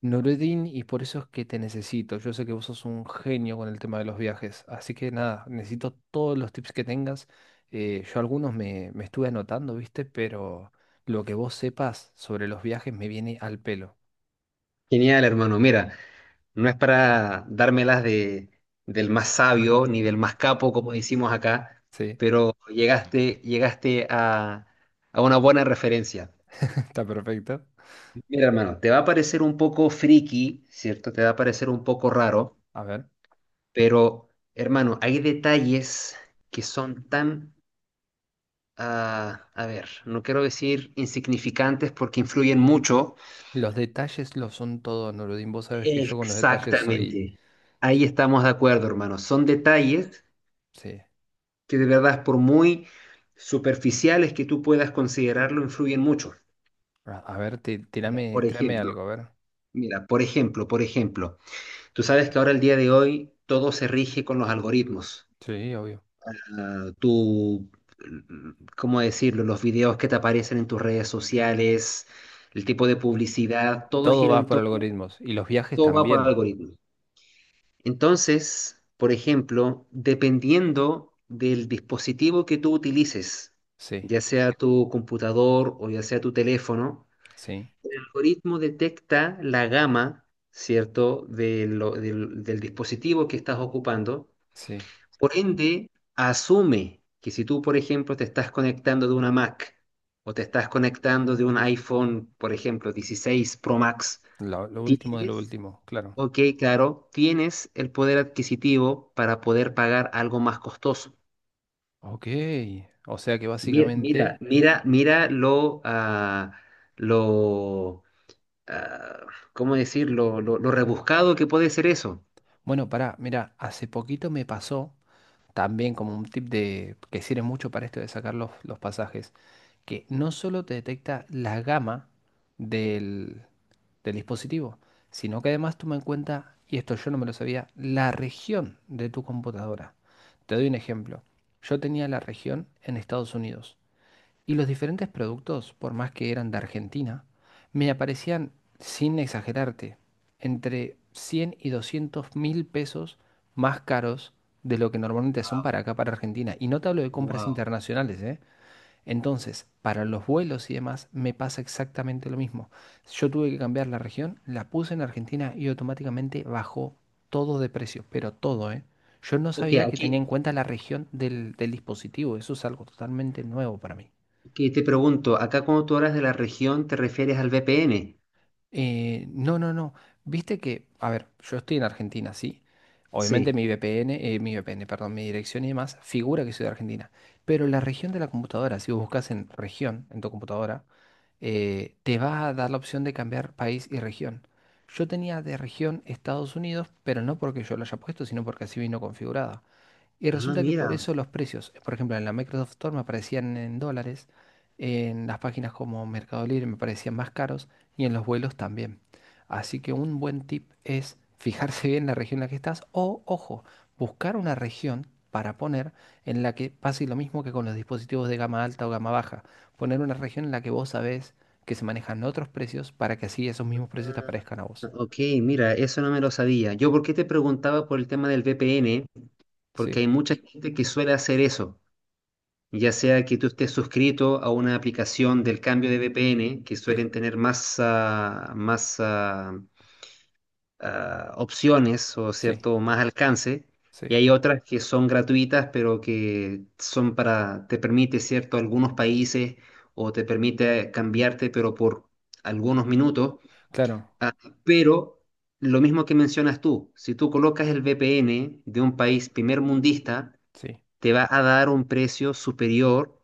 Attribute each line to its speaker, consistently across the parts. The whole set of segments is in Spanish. Speaker 1: Nureddin, y por eso es que te necesito. Yo sé que vos sos un genio con el tema de los viajes, así que nada, necesito todos los tips que tengas. Yo algunos me estuve anotando, ¿viste? Pero lo que vos sepas sobre los viajes me viene al pelo.
Speaker 2: Genial, hermano. Mira, no es para dármelas del más sabio ni del más capo, como decimos acá,
Speaker 1: Sí,
Speaker 2: pero llegaste a una buena referencia.
Speaker 1: está perfecto.
Speaker 2: Mira, hermano, te va a parecer un poco friki, ¿cierto? Te va a parecer un poco raro,
Speaker 1: A ver,
Speaker 2: pero, hermano, hay detalles que son tan, a ver, no quiero decir insignificantes porque influyen mucho.
Speaker 1: los detalles lo son todo, Nureddin. Vos sabés que yo con los detalles soy...
Speaker 2: Exactamente. Ahí estamos de acuerdo, hermano. Son detalles
Speaker 1: Sí.
Speaker 2: que de verdad, por muy superficiales que tú puedas considerarlo, influyen mucho.
Speaker 1: A ver, ti-
Speaker 2: Mira,
Speaker 1: tirame,
Speaker 2: Por
Speaker 1: tirame algo,
Speaker 2: ejemplo,
Speaker 1: a ver.
Speaker 2: mira, por ejemplo, tú sabes que ahora el día de hoy todo se rige con los algoritmos.
Speaker 1: Sí, obvio.
Speaker 2: Ah, tú, mm, ¿Cómo decirlo? Los videos que te aparecen en tus redes sociales, el tipo de publicidad, todo
Speaker 1: Todo
Speaker 2: gira
Speaker 1: va
Speaker 2: en
Speaker 1: por
Speaker 2: torno,
Speaker 1: algoritmos. Y los viajes
Speaker 2: todo va por
Speaker 1: también.
Speaker 2: algoritmos. Entonces, por ejemplo, dependiendo del dispositivo que tú utilices,
Speaker 1: Sí,
Speaker 2: ya sea tu computador o ya sea tu teléfono,
Speaker 1: sí,
Speaker 2: el algoritmo detecta la gama, ¿cierto?, del dispositivo que estás ocupando.
Speaker 1: sí.
Speaker 2: Por ende, asume que si tú, por ejemplo, te estás conectando de una Mac o te estás conectando de un iPhone, por ejemplo, 16 Pro Max.
Speaker 1: Lo último de lo
Speaker 2: Tienes
Speaker 1: último, claro.
Speaker 2: Ok, claro, tienes el poder adquisitivo para poder pagar algo más costoso.
Speaker 1: Ok, o sea que
Speaker 2: Mira, mira,
Speaker 1: básicamente,
Speaker 2: mira, mira lo, ah, lo, ah, ¿cómo decirlo? Lo rebuscado que puede ser eso.
Speaker 1: bueno, pará, mira, hace poquito me pasó también como un tip de que sirve mucho para esto de sacar los pasajes, que no solo te detecta la gama del, del dispositivo, sino que además toma en cuenta, y esto yo no me lo sabía, la región de tu computadora. Te doy un ejemplo. Yo tenía la región en Estados Unidos. Y los diferentes productos, por más que eran de Argentina, me aparecían, sin exagerarte, entre 100 y 200 mil pesos más caros de lo que normalmente son para acá, para Argentina. Y no te hablo de compras
Speaker 2: Wow.
Speaker 1: internacionales, ¿eh? Entonces, para los vuelos y demás, me pasa exactamente lo mismo. Yo tuve que cambiar la región, la puse en Argentina y automáticamente bajó todo de precio, pero todo, ¿eh? Yo no
Speaker 2: Ok,
Speaker 1: sabía que tenía
Speaker 2: aquí
Speaker 1: en cuenta la región del dispositivo. Eso es algo totalmente nuevo para mí.
Speaker 2: que te pregunto, acá cuando tú hablas de la región, ¿te refieres al VPN?
Speaker 1: No, no, no. Viste que, a ver, yo estoy en Argentina, sí. Obviamente
Speaker 2: Sí.
Speaker 1: mi VPN, mi VPN, perdón, mi dirección y demás figura que soy de Argentina. Pero la región de la computadora, si vos buscas en región, en tu computadora, te va a dar la opción de cambiar país y región. Yo tenía de región Estados Unidos, pero no porque yo lo haya puesto, sino porque así vino configurada. Y
Speaker 2: Ah,
Speaker 1: resulta que
Speaker 2: mira.
Speaker 1: por eso los precios, por ejemplo, en la Microsoft Store me aparecían en dólares, en las páginas como Mercado Libre me parecían más caros y en los vuelos también. Así que un buen tip es fijarse bien la región en la que estás o, ojo, buscar una región para poner en la que pase lo mismo que con los dispositivos de gama alta o gama baja. Poner una región en la que vos sabés que se manejan otros precios para que así esos mismos precios te aparezcan a vos.
Speaker 2: Ok, mira, eso no me lo sabía. Yo, ¿por qué te preguntaba por el tema del VPN? Porque
Speaker 1: Sí,
Speaker 2: hay mucha gente que suele hacer eso. Ya sea que tú estés suscrito a una aplicación del cambio de VPN, que
Speaker 1: sí,
Speaker 2: suelen tener más, opciones o
Speaker 1: sí,
Speaker 2: cierto, más alcance, y
Speaker 1: sí.
Speaker 2: hay otras que son gratuitas, pero que son para, te permite, cierto, algunos países o te permite cambiarte, pero por algunos minutos.
Speaker 1: Claro,
Speaker 2: Ah, pero lo mismo que mencionas tú, si tú colocas el VPN de un país primer mundista,
Speaker 1: sí,
Speaker 2: te va a dar un precio superior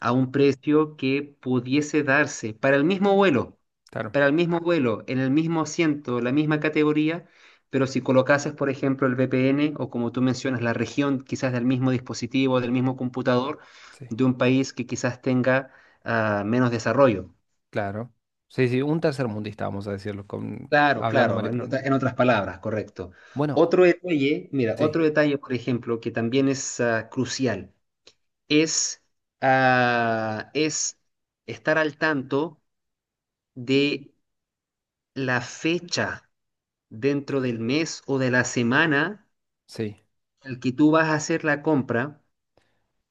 Speaker 2: a un precio que pudiese darse para el mismo vuelo,
Speaker 1: claro,
Speaker 2: para el mismo vuelo, en el mismo asiento, la misma categoría, pero si colocases, por ejemplo, el VPN o como tú mencionas, la región quizás del mismo dispositivo, del mismo computador,
Speaker 1: sí.
Speaker 2: de un país que quizás tenga menos desarrollo.
Speaker 1: Claro. Sí, sí, un tercermundista, vamos a decirlo, con,
Speaker 2: Claro,
Speaker 1: hablando mal
Speaker 2: claro,
Speaker 1: y
Speaker 2: en,
Speaker 1: pronto.
Speaker 2: otra- en otras palabras, correcto.
Speaker 1: Bueno,
Speaker 2: Otro detalle, mira,
Speaker 1: sí,
Speaker 2: otro detalle, por ejemplo, que también es crucial. es, es estar al tanto de la fecha dentro del mes o de la semana
Speaker 1: sí,
Speaker 2: al que tú vas a hacer la compra,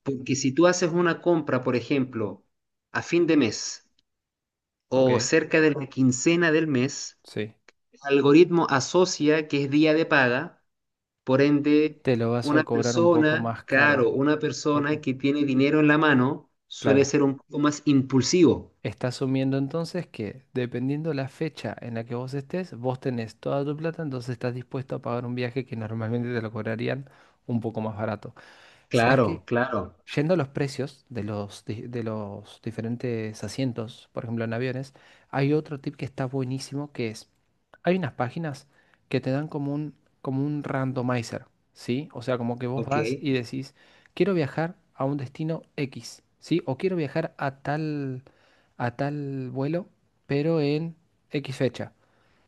Speaker 2: porque si tú haces una compra, por ejemplo, a fin de mes
Speaker 1: ok,
Speaker 2: o cerca de la quincena del mes,
Speaker 1: sí.
Speaker 2: el algoritmo asocia que es día de paga, por ende,
Speaker 1: Te lo vas a
Speaker 2: una
Speaker 1: cobrar un poco
Speaker 2: persona,
Speaker 1: más caro,
Speaker 2: claro, una
Speaker 1: porque,
Speaker 2: persona que tiene dinero en la mano suele
Speaker 1: claro,
Speaker 2: ser un poco más impulsivo.
Speaker 1: está asumiendo entonces que dependiendo la fecha en la que vos estés, vos tenés toda tu plata, entonces estás dispuesto a pagar un viaje que normalmente te lo cobrarían un poco más barato. ¿Sabes qué?
Speaker 2: Claro, claro.
Speaker 1: Yendo a los precios de los diferentes asientos, por ejemplo en aviones, hay otro tip que está buenísimo que es, hay unas páginas que te dan como un randomizer, ¿sí? O sea, como que vos
Speaker 2: Ok,
Speaker 1: vas y decís, quiero viajar a un destino X, ¿sí? O quiero viajar a tal, vuelo, pero en X fecha.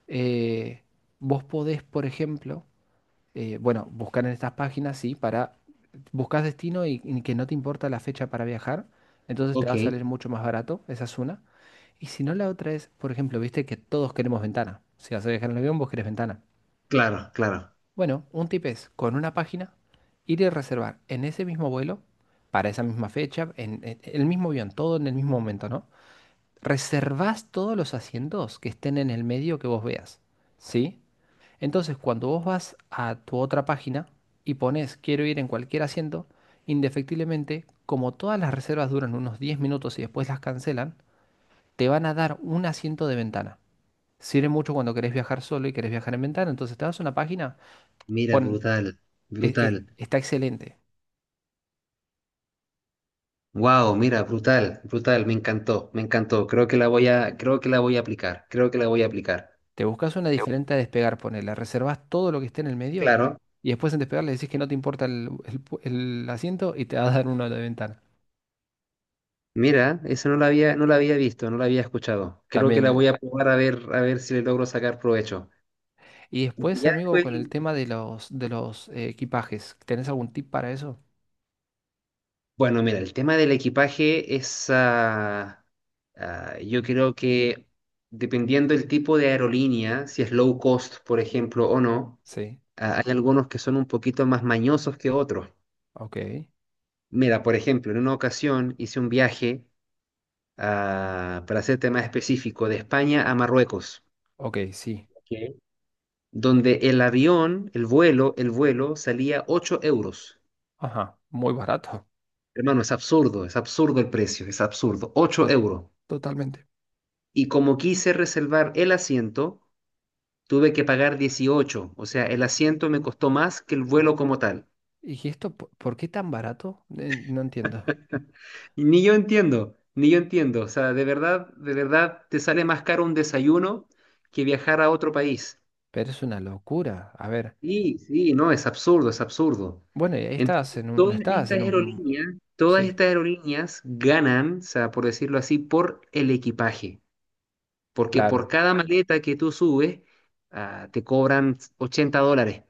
Speaker 1: Eh, Vos podés, por ejemplo, bueno, buscar en estas páginas, sí, para buscas destino y que no te importa la fecha para viajar, entonces te va
Speaker 2: ok.
Speaker 1: a salir mucho más barato, esa es una. Y si no, la otra es, por ejemplo, viste que todos queremos ventana. Si vas a viajar en el avión, vos querés ventana.
Speaker 2: Claro, claro.
Speaker 1: Bueno, un tip es, con una página, ir y reservar en ese mismo vuelo, para esa misma fecha, en el mismo avión, todo en el mismo momento, ¿no? Reservás todos los asientos que estén en el medio que vos veas, ¿sí? Entonces, cuando vos vas a tu otra página y pones quiero ir en cualquier asiento, indefectiblemente, como todas las reservas duran unos 10 minutos y después las cancelan, te van a dar un asiento de ventana. Sirve mucho cuando querés viajar solo y querés viajar en ventana. Entonces, te vas a una página,
Speaker 2: Mira,
Speaker 1: pon,
Speaker 2: brutal, brutal.
Speaker 1: está excelente.
Speaker 2: Wow, mira, brutal, brutal. Me encantó, me encantó. Creo que la voy a, creo que la voy a aplicar. Creo que la voy a aplicar.
Speaker 1: Te buscas una
Speaker 2: Te-
Speaker 1: diferente a despegar, ponela. Reservas todo lo que esté en el medio
Speaker 2: Claro.
Speaker 1: y después en despegar le decís que no te importa el asiento y te va a dar uno de ventana.
Speaker 2: Mira, eso no la había visto, no la había escuchado. Creo que la
Speaker 1: También.
Speaker 2: voy a probar a ver si le logro sacar provecho.
Speaker 1: Y
Speaker 2: Porque
Speaker 1: después,
Speaker 2: ya
Speaker 1: amigo,
Speaker 2: después.
Speaker 1: con el tema de los equipajes, ¿tenés algún tip para eso?
Speaker 2: Bueno, mira, el tema del equipaje yo creo que dependiendo del tipo de aerolínea, si es low cost, por ejemplo, o no,
Speaker 1: Sí.
Speaker 2: hay algunos que son un poquito más mañosos que otros.
Speaker 1: Ok.
Speaker 2: Mira, por ejemplo, en una ocasión hice un viaje, para ser tema específico, de España a Marruecos,
Speaker 1: Ok, sí.
Speaker 2: Ok, donde el avión, el vuelo salía 8 euros.
Speaker 1: Ajá. Muy barato.
Speaker 2: Hermano, es absurdo el precio, es absurdo, 8
Speaker 1: To-
Speaker 2: euros.
Speaker 1: totalmente.
Speaker 2: Y como quise reservar el asiento, tuve que pagar 18. O sea, el asiento me costó más que el vuelo como tal.
Speaker 1: ¿Y esto por qué tan barato? No entiendo.
Speaker 2: Y ni yo entiendo, ni yo entiendo. O sea, de verdad, te sale más caro un desayuno que viajar a otro país.
Speaker 1: Pero es una locura. A ver.
Speaker 2: Sí, sí, no, es absurdo, es absurdo.
Speaker 1: Bueno, y ahí estás
Speaker 2: Entonces,
Speaker 1: en un. No
Speaker 2: todas
Speaker 1: estás
Speaker 2: estas
Speaker 1: en un.
Speaker 2: aerolíneas, todas
Speaker 1: Sí.
Speaker 2: estas aerolíneas ganan, o sea, por decirlo así, por el equipaje. Porque por
Speaker 1: Claro.
Speaker 2: cada maleta que tú subes, te cobran $80.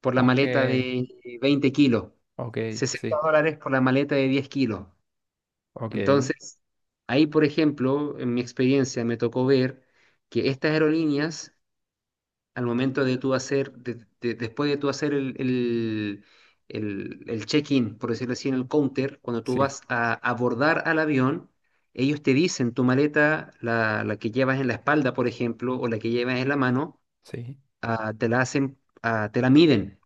Speaker 2: Por la
Speaker 1: Ok.
Speaker 2: maleta de 20 kilos,
Speaker 1: Ok,
Speaker 2: sesenta
Speaker 1: sí,
Speaker 2: dólares por la maleta de 10 kilos.
Speaker 1: ok,
Speaker 2: Entonces, ahí, por ejemplo, en mi experiencia me tocó ver que estas aerolíneas, al momento de tú hacer, de- después de tú hacer el check-in, por decirlo así, en el counter, cuando tú
Speaker 1: sí,
Speaker 2: vas a abordar al avión, ellos te dicen tu maleta, la que llevas en la espalda, por ejemplo, o la que llevas en la mano,
Speaker 1: sí,
Speaker 2: te la hacen, te la miden,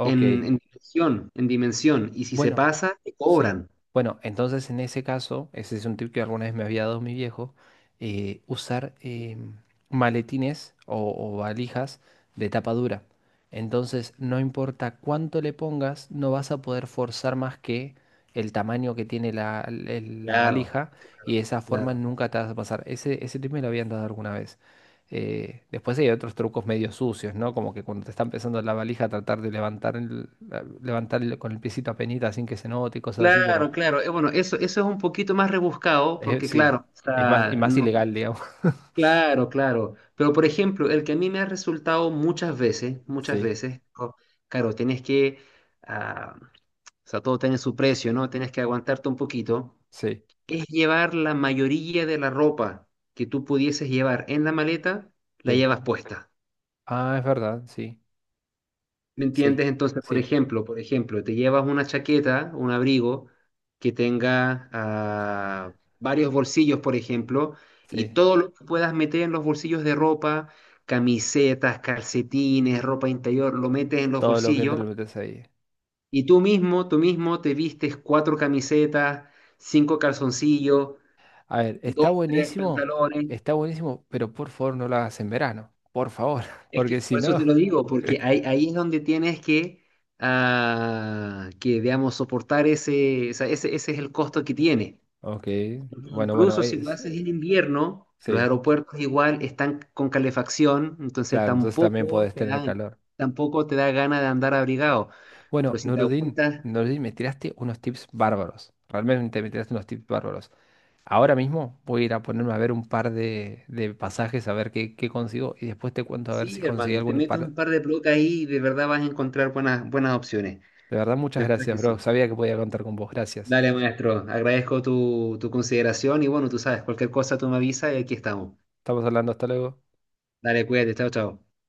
Speaker 2: en, en dimensión, en dimensión. Y si se
Speaker 1: Bueno,
Speaker 2: pasa, te
Speaker 1: sí.
Speaker 2: cobran.
Speaker 1: Bueno, entonces en ese caso, ese es un tip que alguna vez me había dado mi viejo, usar maletines o valijas de tapa dura. Entonces, no importa cuánto le pongas, no vas a poder forzar más que el tamaño que tiene la
Speaker 2: Claro,
Speaker 1: valija y de esa forma
Speaker 2: claro.
Speaker 1: nunca te vas a pasar. Ese tip me lo habían dado alguna vez. Después hay otros trucos medio sucios, ¿no? Como que cuando te está empezando la valija, tratar de levantar, con el piecito a penita sin que se note y cosas así, pero
Speaker 2: Claro, claro. Bueno, eso es un poquito más rebuscado, porque
Speaker 1: sí,
Speaker 2: claro, o
Speaker 1: es más, y
Speaker 2: sea,
Speaker 1: más
Speaker 2: no,
Speaker 1: ilegal, digamos.
Speaker 2: claro, claro. Pero por ejemplo, el que a mí me ha resultado muchas
Speaker 1: Sí,
Speaker 2: veces, claro, tienes que, ah, o sea, todo tiene su precio, ¿no? Tienes que aguantarte un poquito,
Speaker 1: sí,
Speaker 2: es llevar la mayoría de la ropa que tú pudieses llevar en la maleta, la
Speaker 1: sí.
Speaker 2: llevas puesta.
Speaker 1: Ah, es verdad, sí,
Speaker 2: ¿Me
Speaker 1: sí,
Speaker 2: entiendes? Entonces, por
Speaker 1: sí,
Speaker 2: ejemplo, por ejemplo, te llevas una chaqueta, un abrigo que tenga varios bolsillos, por ejemplo, y
Speaker 1: sí.
Speaker 2: todo lo que puedas meter en los bolsillos de ropa, camisetas, calcetines, ropa interior, lo metes en los
Speaker 1: Todo lo que
Speaker 2: bolsillos
Speaker 1: entra lo metes ahí.
Speaker 2: y tú mismo te vistes cuatro camisetas, cinco calzoncillos,
Speaker 1: A ver,
Speaker 2: dos, tres pantalones.
Speaker 1: está buenísimo, pero por favor no lo hagas en verano, por favor,
Speaker 2: Es
Speaker 1: porque
Speaker 2: que
Speaker 1: si
Speaker 2: por eso
Speaker 1: no.
Speaker 2: te lo digo, porque ahí es donde tienes que, que digamos, soportar ese, o sea, ese es el costo que tiene.
Speaker 1: Ok,
Speaker 2: Porque
Speaker 1: bueno, bueno,
Speaker 2: incluso si lo haces en invierno, los
Speaker 1: sí,
Speaker 2: aeropuertos igual están con calefacción, entonces
Speaker 1: claro, entonces también
Speaker 2: tampoco
Speaker 1: podés
Speaker 2: te
Speaker 1: tener
Speaker 2: dan,
Speaker 1: calor.
Speaker 2: tampoco te da ganas de andar abrigado. Pero
Speaker 1: Bueno,
Speaker 2: si te
Speaker 1: Nuruddin,
Speaker 2: aguantas,
Speaker 1: Nuruddin, me tiraste unos tips bárbaros. Realmente me tiraste unos tips bárbaros. Ahora mismo voy a ir a ponerme a ver un par de pasajes, a ver qué consigo y después te cuento a ver si
Speaker 2: sí,
Speaker 1: conseguí
Speaker 2: hermano, te
Speaker 1: algún
Speaker 2: metes
Speaker 1: par.
Speaker 2: un par de bloques ahí y de verdad vas a encontrar buenas, buenas opciones.
Speaker 1: De verdad, muchas
Speaker 2: De verdad
Speaker 1: gracias,
Speaker 2: que
Speaker 1: bro.
Speaker 2: sí.
Speaker 1: Sabía que podía contar con vos. Gracias.
Speaker 2: Dale, maestro. Agradezco tu consideración y bueno, tú sabes, cualquier cosa tú me avisas y aquí estamos.
Speaker 1: Estamos hablando, hasta luego.
Speaker 2: Dale, cuídate. Chao, chao.